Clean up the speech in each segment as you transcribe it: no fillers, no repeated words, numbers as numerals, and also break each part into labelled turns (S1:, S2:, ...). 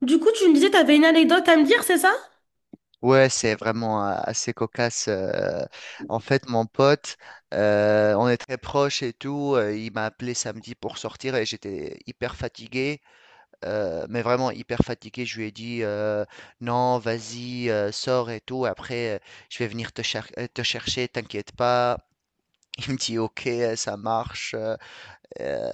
S1: Du coup, tu me disais, t'avais une anecdote à me dire, c'est ça?
S2: Ouais, c'est vraiment assez cocasse. En fait, mon pote, on est très proches et tout. Il m'a appelé samedi pour sortir et j'étais hyper fatigué, mais vraiment hyper fatigué. Je lui ai dit non, vas-y, sors et tout. Après, je vais venir te chercher, t'inquiète pas. Il me dit ok, ça marche. Euh,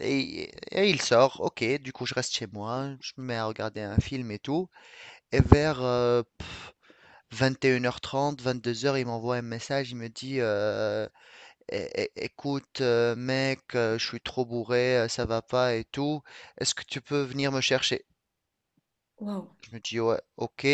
S2: et il sort. Ok, du coup, je reste chez moi. Je me mets à regarder un film et tout. Et vers 21h30, 22h, il m'envoie un message, il me dit Écoute, mec, je suis trop bourré, ça va pas et tout. Est-ce que tu peux venir me chercher?
S1: Waouh.
S2: Je me dis ouais, ok,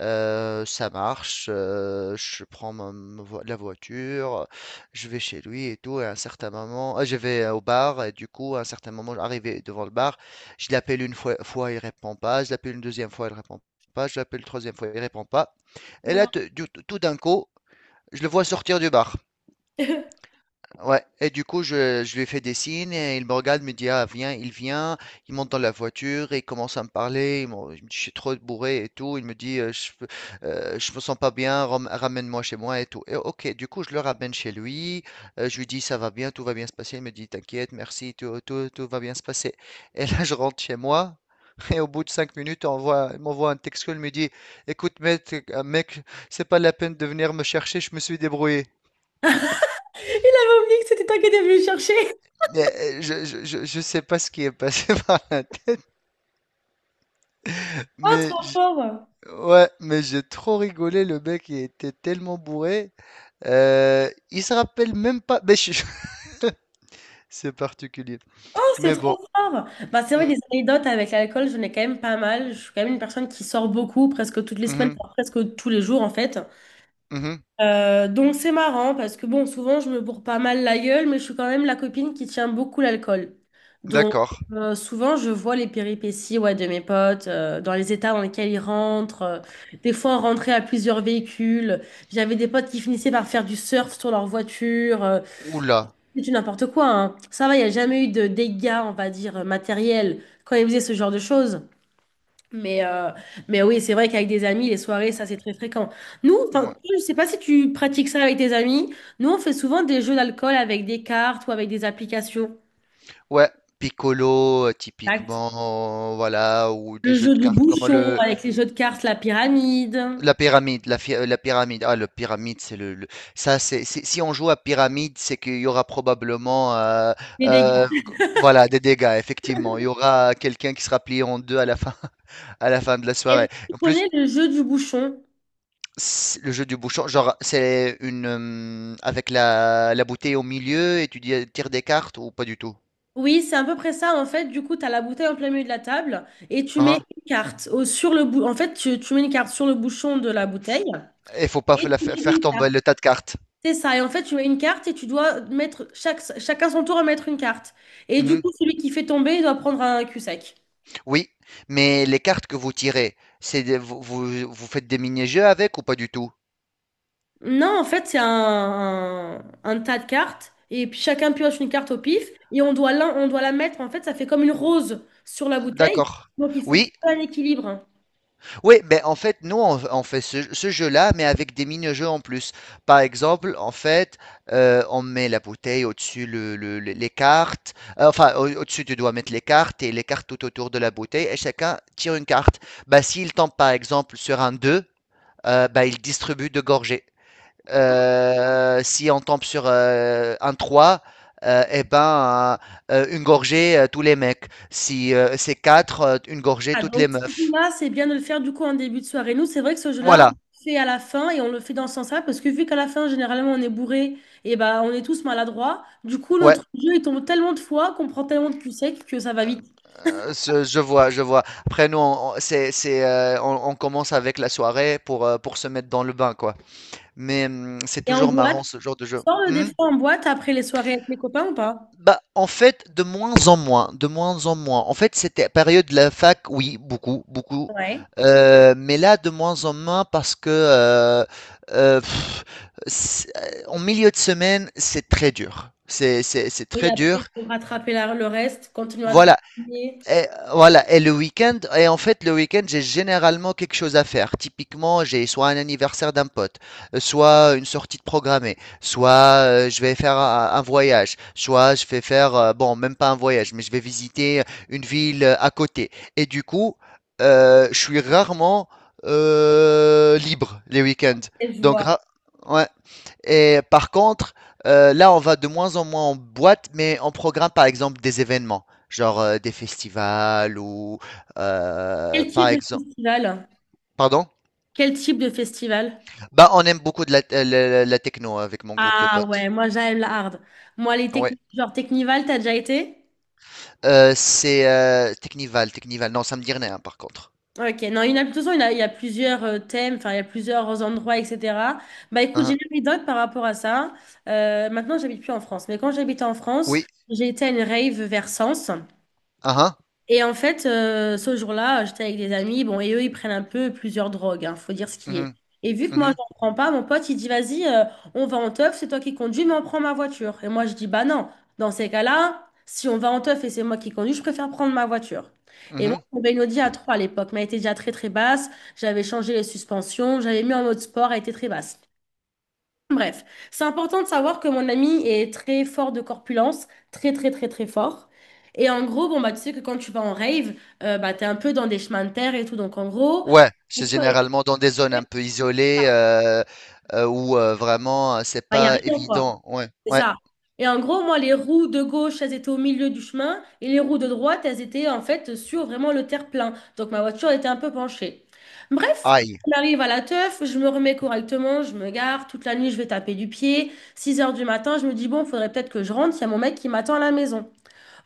S2: ça marche. Je prends la voiture, je vais chez lui et tout. Et à un certain moment, je vais au bar, et du coup, à un certain moment, arrivé devant le bar, je l'appelle une fois, il répond pas, je l'appelle une deuxième fois, il répond pas, je l'appelle une troisième fois, il répond pas. Et là,
S1: Voilà.
S2: tout d'un coup, je le vois sortir du bar.
S1: Il
S2: Ouais. Et du coup, je lui fais des signes et il me regarde, me dit, ah, viens, il vient. Il monte dans la voiture et il commence à me parler. Je me dis, je suis trop bourré et tout. Il me dit, je me sens pas bien, ramène-moi chez moi et tout. Et ok, du coup, je le ramène chez lui. Je lui dis, ça va bien, tout va bien se passer. Il me dit, t'inquiète, merci, tout va bien se passer. Et là, je rentre chez moi. Et au bout de 5 minutes, on voit, il m'envoie un texto, il me dit, écoute, mec, c'est pas la peine de venir me chercher, je me suis débrouillé.
S1: avait oublié que c'était toi qui étais venu le chercher.
S2: Mais, je sais pas ce qui est passé par la tête,
S1: Oh,
S2: mais
S1: trop
S2: j
S1: fort!
S2: ouais, mais j'ai trop rigolé, le mec, il était tellement bourré, il se rappelle même pas mais je c'est particulier.
S1: C'est
S2: Mais bon.
S1: trop fort! Bah, c'est vrai,
S2: Mmh.
S1: des anecdotes avec l'alcool, j'en ai quand même pas mal. Je suis quand même une personne qui sort beaucoup, presque toutes les
S2: Mmh
S1: semaines,
S2: mh.
S1: voire presque tous les jours en fait.
S2: Mmh.
S1: Donc c'est marrant parce que bon, souvent je me bourre pas mal la gueule, mais je suis quand même la copine qui tient beaucoup l'alcool. Donc
S2: D'accord.
S1: souvent je vois les péripéties, ouais, de mes potes, dans les états dans lesquels ils rentrent. Des fois on rentrait à plusieurs véhicules. J'avais des potes qui finissaient par faire du surf sur leur voiture.
S2: Ouh là!
S1: C'est du n'importe quoi, hein. Ça va, il n'y a jamais eu de dégâts, on va dire, matériels quand ils faisaient ce genre de choses. Mais, euh, mais oui, c'est vrai qu'avec des amis, les soirées, ça, c'est très fréquent. Nous, enfin, je ne sais pas si tu pratiques ça avec tes amis. Nous, on fait souvent des jeux d'alcool avec des cartes ou avec des applications.
S2: Ouais, Piccolo,
S1: Exact.
S2: typiquement, voilà, ou des
S1: Le
S2: jeux
S1: jeu
S2: de
S1: du
S2: cartes comme
S1: bouchon,
S2: le…
S1: avec les jeux de cartes, la pyramide,
S2: La pyramide, la pyramide. Ah, le pyramide, c'est ça, si on joue à pyramide, c'est qu'il y aura probablement,
S1: les dégâts.
S2: euh, voilà, des dégâts. Effectivement, il y aura quelqu'un qui sera plié en deux à la fin, à la fin de la
S1: Est-ce que
S2: soirée.
S1: tu
S2: En
S1: connais
S2: plus,
S1: le jeu du bouchon?
S2: le jeu du bouchon, genre, c'est une, avec la bouteille au milieu et tu tires des cartes ou pas du tout.
S1: Oui, c'est à peu près ça. En fait, du coup, tu as la bouteille en plein milieu de la table et tu mets
S2: Hein?
S1: une carte sur le En fait, tu mets une carte sur le bouchon de la bouteille
S2: Il faut pas
S1: et tu mets
S2: faire
S1: une
S2: tomber
S1: carte.
S2: le tas de cartes.
S1: C'est ça. Et en fait, tu mets une carte et tu dois mettre chacun son tour à mettre une carte. Et du
S2: Mhm.
S1: coup, celui qui fait tomber, il doit prendre un cul-sec.
S2: Oui, mais les cartes que vous tirez, c'est des- vous, vous- vous faites des mini-jeux avec ou pas du tout?
S1: Non, en fait, c'est un tas de cartes et puis chacun pioche une carte au pif et on doit, on doit la mettre. En fait, ça fait comme une rose sur la bouteille.
S2: D'accord.
S1: Donc, il faut trouver
S2: Oui,
S1: un équilibre.
S2: oui, ben en fait, nous, on fait ce jeu-là, mais avec des mini-jeux en plus. Par exemple, en fait, on met la bouteille au-dessus les cartes. Enfin, au-dessus, tu dois mettre les cartes et les cartes tout autour de la bouteille, et chacun tire une carte. Bah, s'il tombe, par exemple, sur un 2, bah, il distribue deux gorgées. Si on tombe sur un 3, eh ben, une gorgée, tous les mecs. Si c'est 4, une gorgée,
S1: Ah,
S2: toutes les
S1: donc ce
S2: meufs.
S1: jeu-là, c'est bien de le faire du coup en début de soirée. Nous, c'est vrai que ce jeu-là, on le
S2: Voilà,
S1: fait à la fin et on le fait dans ce sens-là parce que vu qu'à la fin, généralement, on est bourré et bah, on est tous maladroits, du coup,
S2: ouais.
S1: notre jeu, il tombe tellement de fois qu'on prend tellement de cul sec que ça va vite.
S2: Je vois, je vois. Après, nous, on commence avec la soirée pour se mettre dans le bain, quoi. Mais c'est
S1: Et en
S2: toujours
S1: boîte,
S2: marrant ce genre de jeu.
S1: tu sors le des
S2: Hmm.
S1: fois en boîte après les soirées avec les copains ou pas?
S2: Bah, en fait, de moins en moins, de moins en moins. En fait, c'était période de la fac, oui, beaucoup, beaucoup.
S1: Ouais.
S2: Mais là, de moins en moins parce que euh, pff, en milieu de semaine, c'est très dur. C'est
S1: Oui,
S2: très
S1: après,
S2: dur.
S1: il faut rattraper le reste, continuer à
S2: Voilà,
S1: travailler.
S2: et voilà, et le week-end, et en fait, le week-end, j'ai généralement quelque chose à faire. Typiquement, j'ai soit un anniversaire d'un pote, soit une sortie de programmée, soit je vais faire un voyage, soit je vais faire, bon, même pas un voyage, mais je vais visiter une ville à côté. Et du coup, je suis rarement libre les week-ends.
S1: Et je
S2: Donc,
S1: vois.
S2: ra- ouais. Et par contre, là, on va de moins en moins en boîte, mais on programme par exemple des événements, genre des festivals ou
S1: Quel
S2: par
S1: type de
S2: exemple.
S1: festival?
S2: Pardon?
S1: Quel type de festival?
S2: Bah, on aime beaucoup de la techno avec mon groupe de
S1: Ah ouais,
S2: potes.
S1: moi j'aime la hard. Moi, les
S2: Ouais.
S1: techniques, genre Technival, t'as déjà été?
S2: C'est Technival. Non, ça me dit rien, hein, par contre.
S1: Ok, non, il y en a, de toute façon, il y en a, il y a plusieurs thèmes, enfin, il y a plusieurs endroits, etc. Bah écoute,
S2: Hein?
S1: j'ai
S2: Hein.
S1: une anecdote par rapport à ça. Maintenant, j'habite plus en France, mais quand j'habitais en France,
S2: Oui.
S1: j'ai été à une rave vers Sens.
S2: Hein?
S1: Et en fait, ce jour-là, j'étais avec des amis, bon, et eux, ils prennent un peu plusieurs drogues, hein, faut dire ce qui est.
S2: Mhm,
S1: Et vu que moi,
S2: mhm,
S1: j'en prends pas, mon pote, il dit, vas-y, on va en teuf, c'est toi qui conduis, mais on prend ma voiture. Et moi, je dis, bah non, dans ces cas-là, si on va en teuf et c'est moi qui conduis, je préfère prendre ma voiture. Et moi,
S2: mhm.
S1: mon une Audi A3 à l'époque, mais elle était déjà très, très basse. J'avais changé les suspensions, j'avais mis en mode sport, elle était très basse. Bref, c'est important de savoir que mon ami est très fort de corpulence, très très très très fort. Et en gros, bon bah tu sais que quand tu vas en rave, bah t'es un peu dans des chemins de terre et tout, donc en gros,
S2: Ouais,
S1: il
S2: c'est généralement dans des zones un peu isolées où vraiment c'est
S1: n'y a
S2: pas
S1: rien quoi.
S2: évident. Ouais,
S1: C'est
S2: ouais.
S1: ça. Et en gros, moi, les roues de gauche, elles étaient au milieu du chemin et les roues de droite, elles étaient en fait sur vraiment le terre-plein. Donc ma voiture était un peu penchée. Bref,
S2: Aïe,
S1: on arrive à la teuf, je me remets correctement, je me gare, toute la nuit, je vais taper du pied. 6 heures du matin, je me dis, bon, faudrait peut-être que je rentre, il y a mon mec qui m'attend à la maison.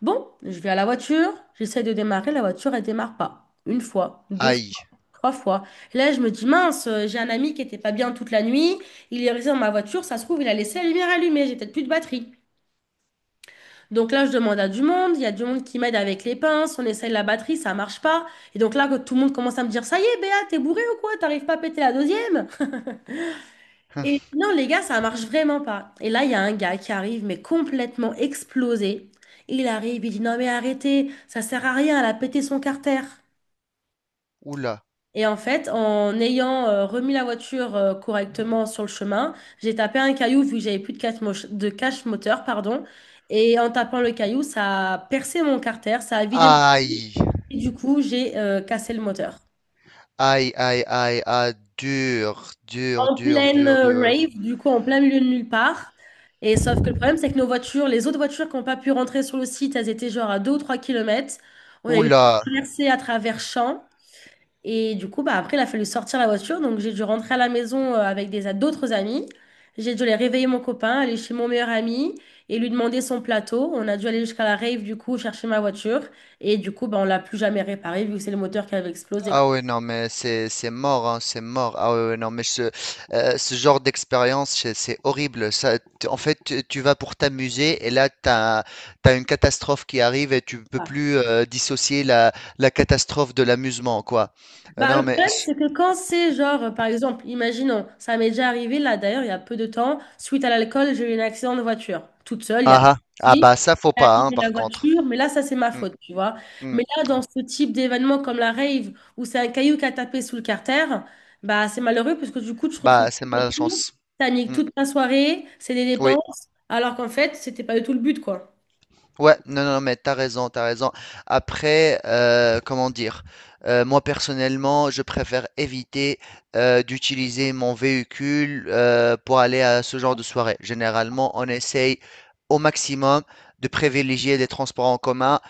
S1: Bon, je vais à la voiture, j'essaie de démarrer, la voiture, elle démarre pas. Une fois, deux
S2: aïe.
S1: trois fois. Et là, je me dis, mince, j'ai un ami qui était pas bien toute la nuit, il est resté dans ma voiture, ça se trouve, il a laissé la lumière allumée, j'ai peut-être plus de batterie. Donc là, je demande à du monde, il y a du monde qui m'aide avec les pinces, on essaye la batterie, ça marche pas. Et donc là, quand tout le monde commence à me dire, ça y est, Béa, t'es bourré ou quoi? T'arrives pas à péter la deuxième? Et je dis, non, les gars, ça marche vraiment pas. Et là, il y a un gars qui arrive, mais complètement explosé. Il arrive, il dit, non, mais arrêtez, ça sert à rien, elle a pété son carter.
S2: Oula.
S1: Et en fait, en ayant remis la voiture correctement sur le chemin, j'ai tapé un caillou vu que j'avais plus de cache, de cache moteur, pardon. Et en tapant le caillou, ça a percé mon carter, ça a vidé mon caillou.
S2: Aïe.
S1: Et du coup, j'ai cassé le moteur.
S2: Aïe, aïe, aïe, aïe. Dur, dur,
S1: En
S2: dur,
S1: pleine
S2: dur,
S1: rave,
S2: dur.
S1: du coup, en plein milieu de nulle part. Et sauf que le problème, c'est que nos voitures, les autres voitures qui n'ont pas pu rentrer sur le site, elles étaient genre à 2 ou 3 kilomètres. On a eu
S2: Oula.
S1: traversé à travers champs. Et du coup, bah, après, il a fallu sortir la voiture. Donc, j'ai dû rentrer à la maison avec des d'autres amis. J'ai dû aller réveiller mon copain, aller chez mon meilleur ami et lui demander son plateau. On a dû aller jusqu'à la rave, du coup, chercher ma voiture. Et du coup, bah, on l'a plus jamais réparée vu que c'est le moteur qui avait explosé.
S2: Ah ouais, non, mais c'est mort, hein, c'est mort. Ah ouais, ouais, non, mais ce genre d'expérience, c'est horrible. Ça, en fait, tu vas pour t'amuser et là, t'as une catastrophe qui arrive et tu peux
S1: Ah.
S2: plus dissocier la catastrophe de l'amusement, quoi.
S1: Bah,
S2: Non,
S1: le
S2: mais…
S1: problème, c'est que quand c'est genre, par exemple, imaginons, ça m'est déjà arrivé là, d'ailleurs, il y a peu de temps, suite à l'alcool, j'ai eu un accident de voiture, toute seule, il y a
S2: Ah,
S1: pas de
S2: ah. Ah
S1: souci.
S2: bah, ça, faut
S1: À
S2: pas, hein,
S1: abîmer la
S2: par contre.
S1: voiture, mais là, ça, c'est ma
S2: Mm,
S1: faute, tu vois.
S2: mm.
S1: Mais là, dans ce type d'événement comme la rave, où c'est un caillou qui a tapé sous le carter, bah, c'est malheureux parce que du coup, tu te retrouves
S2: Bah, c'est
S1: toute la voiture,
S2: malchance.
S1: t'as niqué
S2: Mm.
S1: toute ta soirée, c'est des
S2: Oui.
S1: dépenses, alors qu'en fait, c'était pas du tout le but, quoi.
S2: Ouais, non, non, mais t'as raison, t'as raison. Après, comment dire, moi personnellement, je préfère éviter d'utiliser mon véhicule pour aller à ce genre de soirée. Généralement, on essaye au maximum de privilégier des transports en commun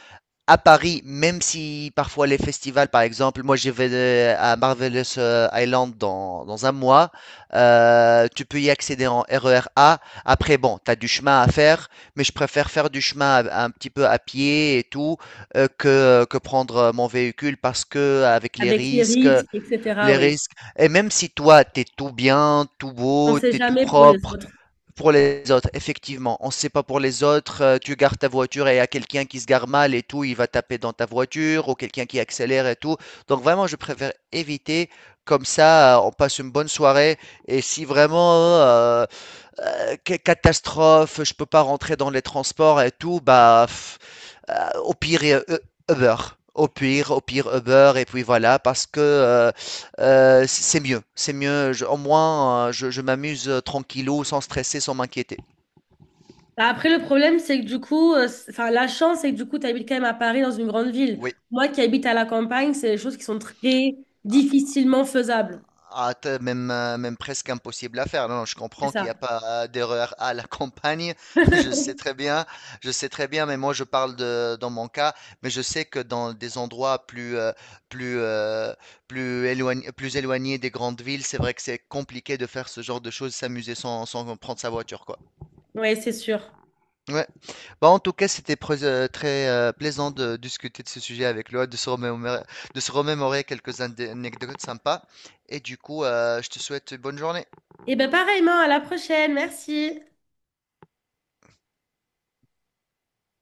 S2: à Paris, même si parfois les festivals, par exemple, moi j'y vais à Marvelous Island dans un mois, tu peux y accéder en RER A. Après, bon, tu as du chemin à faire, mais je préfère faire un petit peu à pied et tout que prendre mon véhicule parce que avec
S1: Avec les risques, etc.,
S2: les
S1: oui.
S2: risques, et même si toi, tu es tout bien, tout
S1: On
S2: beau,
S1: sait
S2: tu es tout
S1: jamais pour les
S2: propre,
S1: autres.
S2: pour les autres, effectivement, on ne sait pas pour les autres. Euh, tu gardes ta voiture et il y a quelqu'un qui se gare mal et tout, il va taper dans ta voiture ou quelqu'un qui accélère et tout. Donc vraiment, je préfère éviter. Comme ça, on passe une bonne soirée. Et si vraiment catastrophe, je peux pas rentrer dans les transports et tout, bah, au pire Uber. Au pire Uber et puis voilà parce que, c'est mieux, je au moins, je m'amuse tranquillou, sans stresser, sans m'inquiéter.
S1: Bah, après, le problème, c'est que du coup, c'est- enfin, la chance, c'est que du coup, tu habites quand même à Paris, dans une grande ville.
S2: Oui.
S1: Moi qui habite à la campagne, c'est des choses qui sont très difficilement faisables.
S2: Ah, t'as même, même presque impossible à faire. Non, non, je
S1: C'est
S2: comprends qu'il n'y
S1: ça.
S2: a pas d'erreur à la campagne. Je sais très bien, je sais très bien, mais moi je parle de, dans mon cas, mais je sais que dans des endroits plus, euh, plus éloignés des grandes villes, c'est vrai que c'est compliqué de faire ce genre de choses, s'amuser sans prendre sa voiture, quoi.
S1: Oui, c'est sûr.
S2: Ouais. Bah, en tout cas, c'était très plaisant de discuter de ce sujet avec Loa, de se remémorer quelques anecdotes sympas. Et du coup, je te souhaite une bonne journée.
S1: Et bien pareillement, à la prochaine, merci.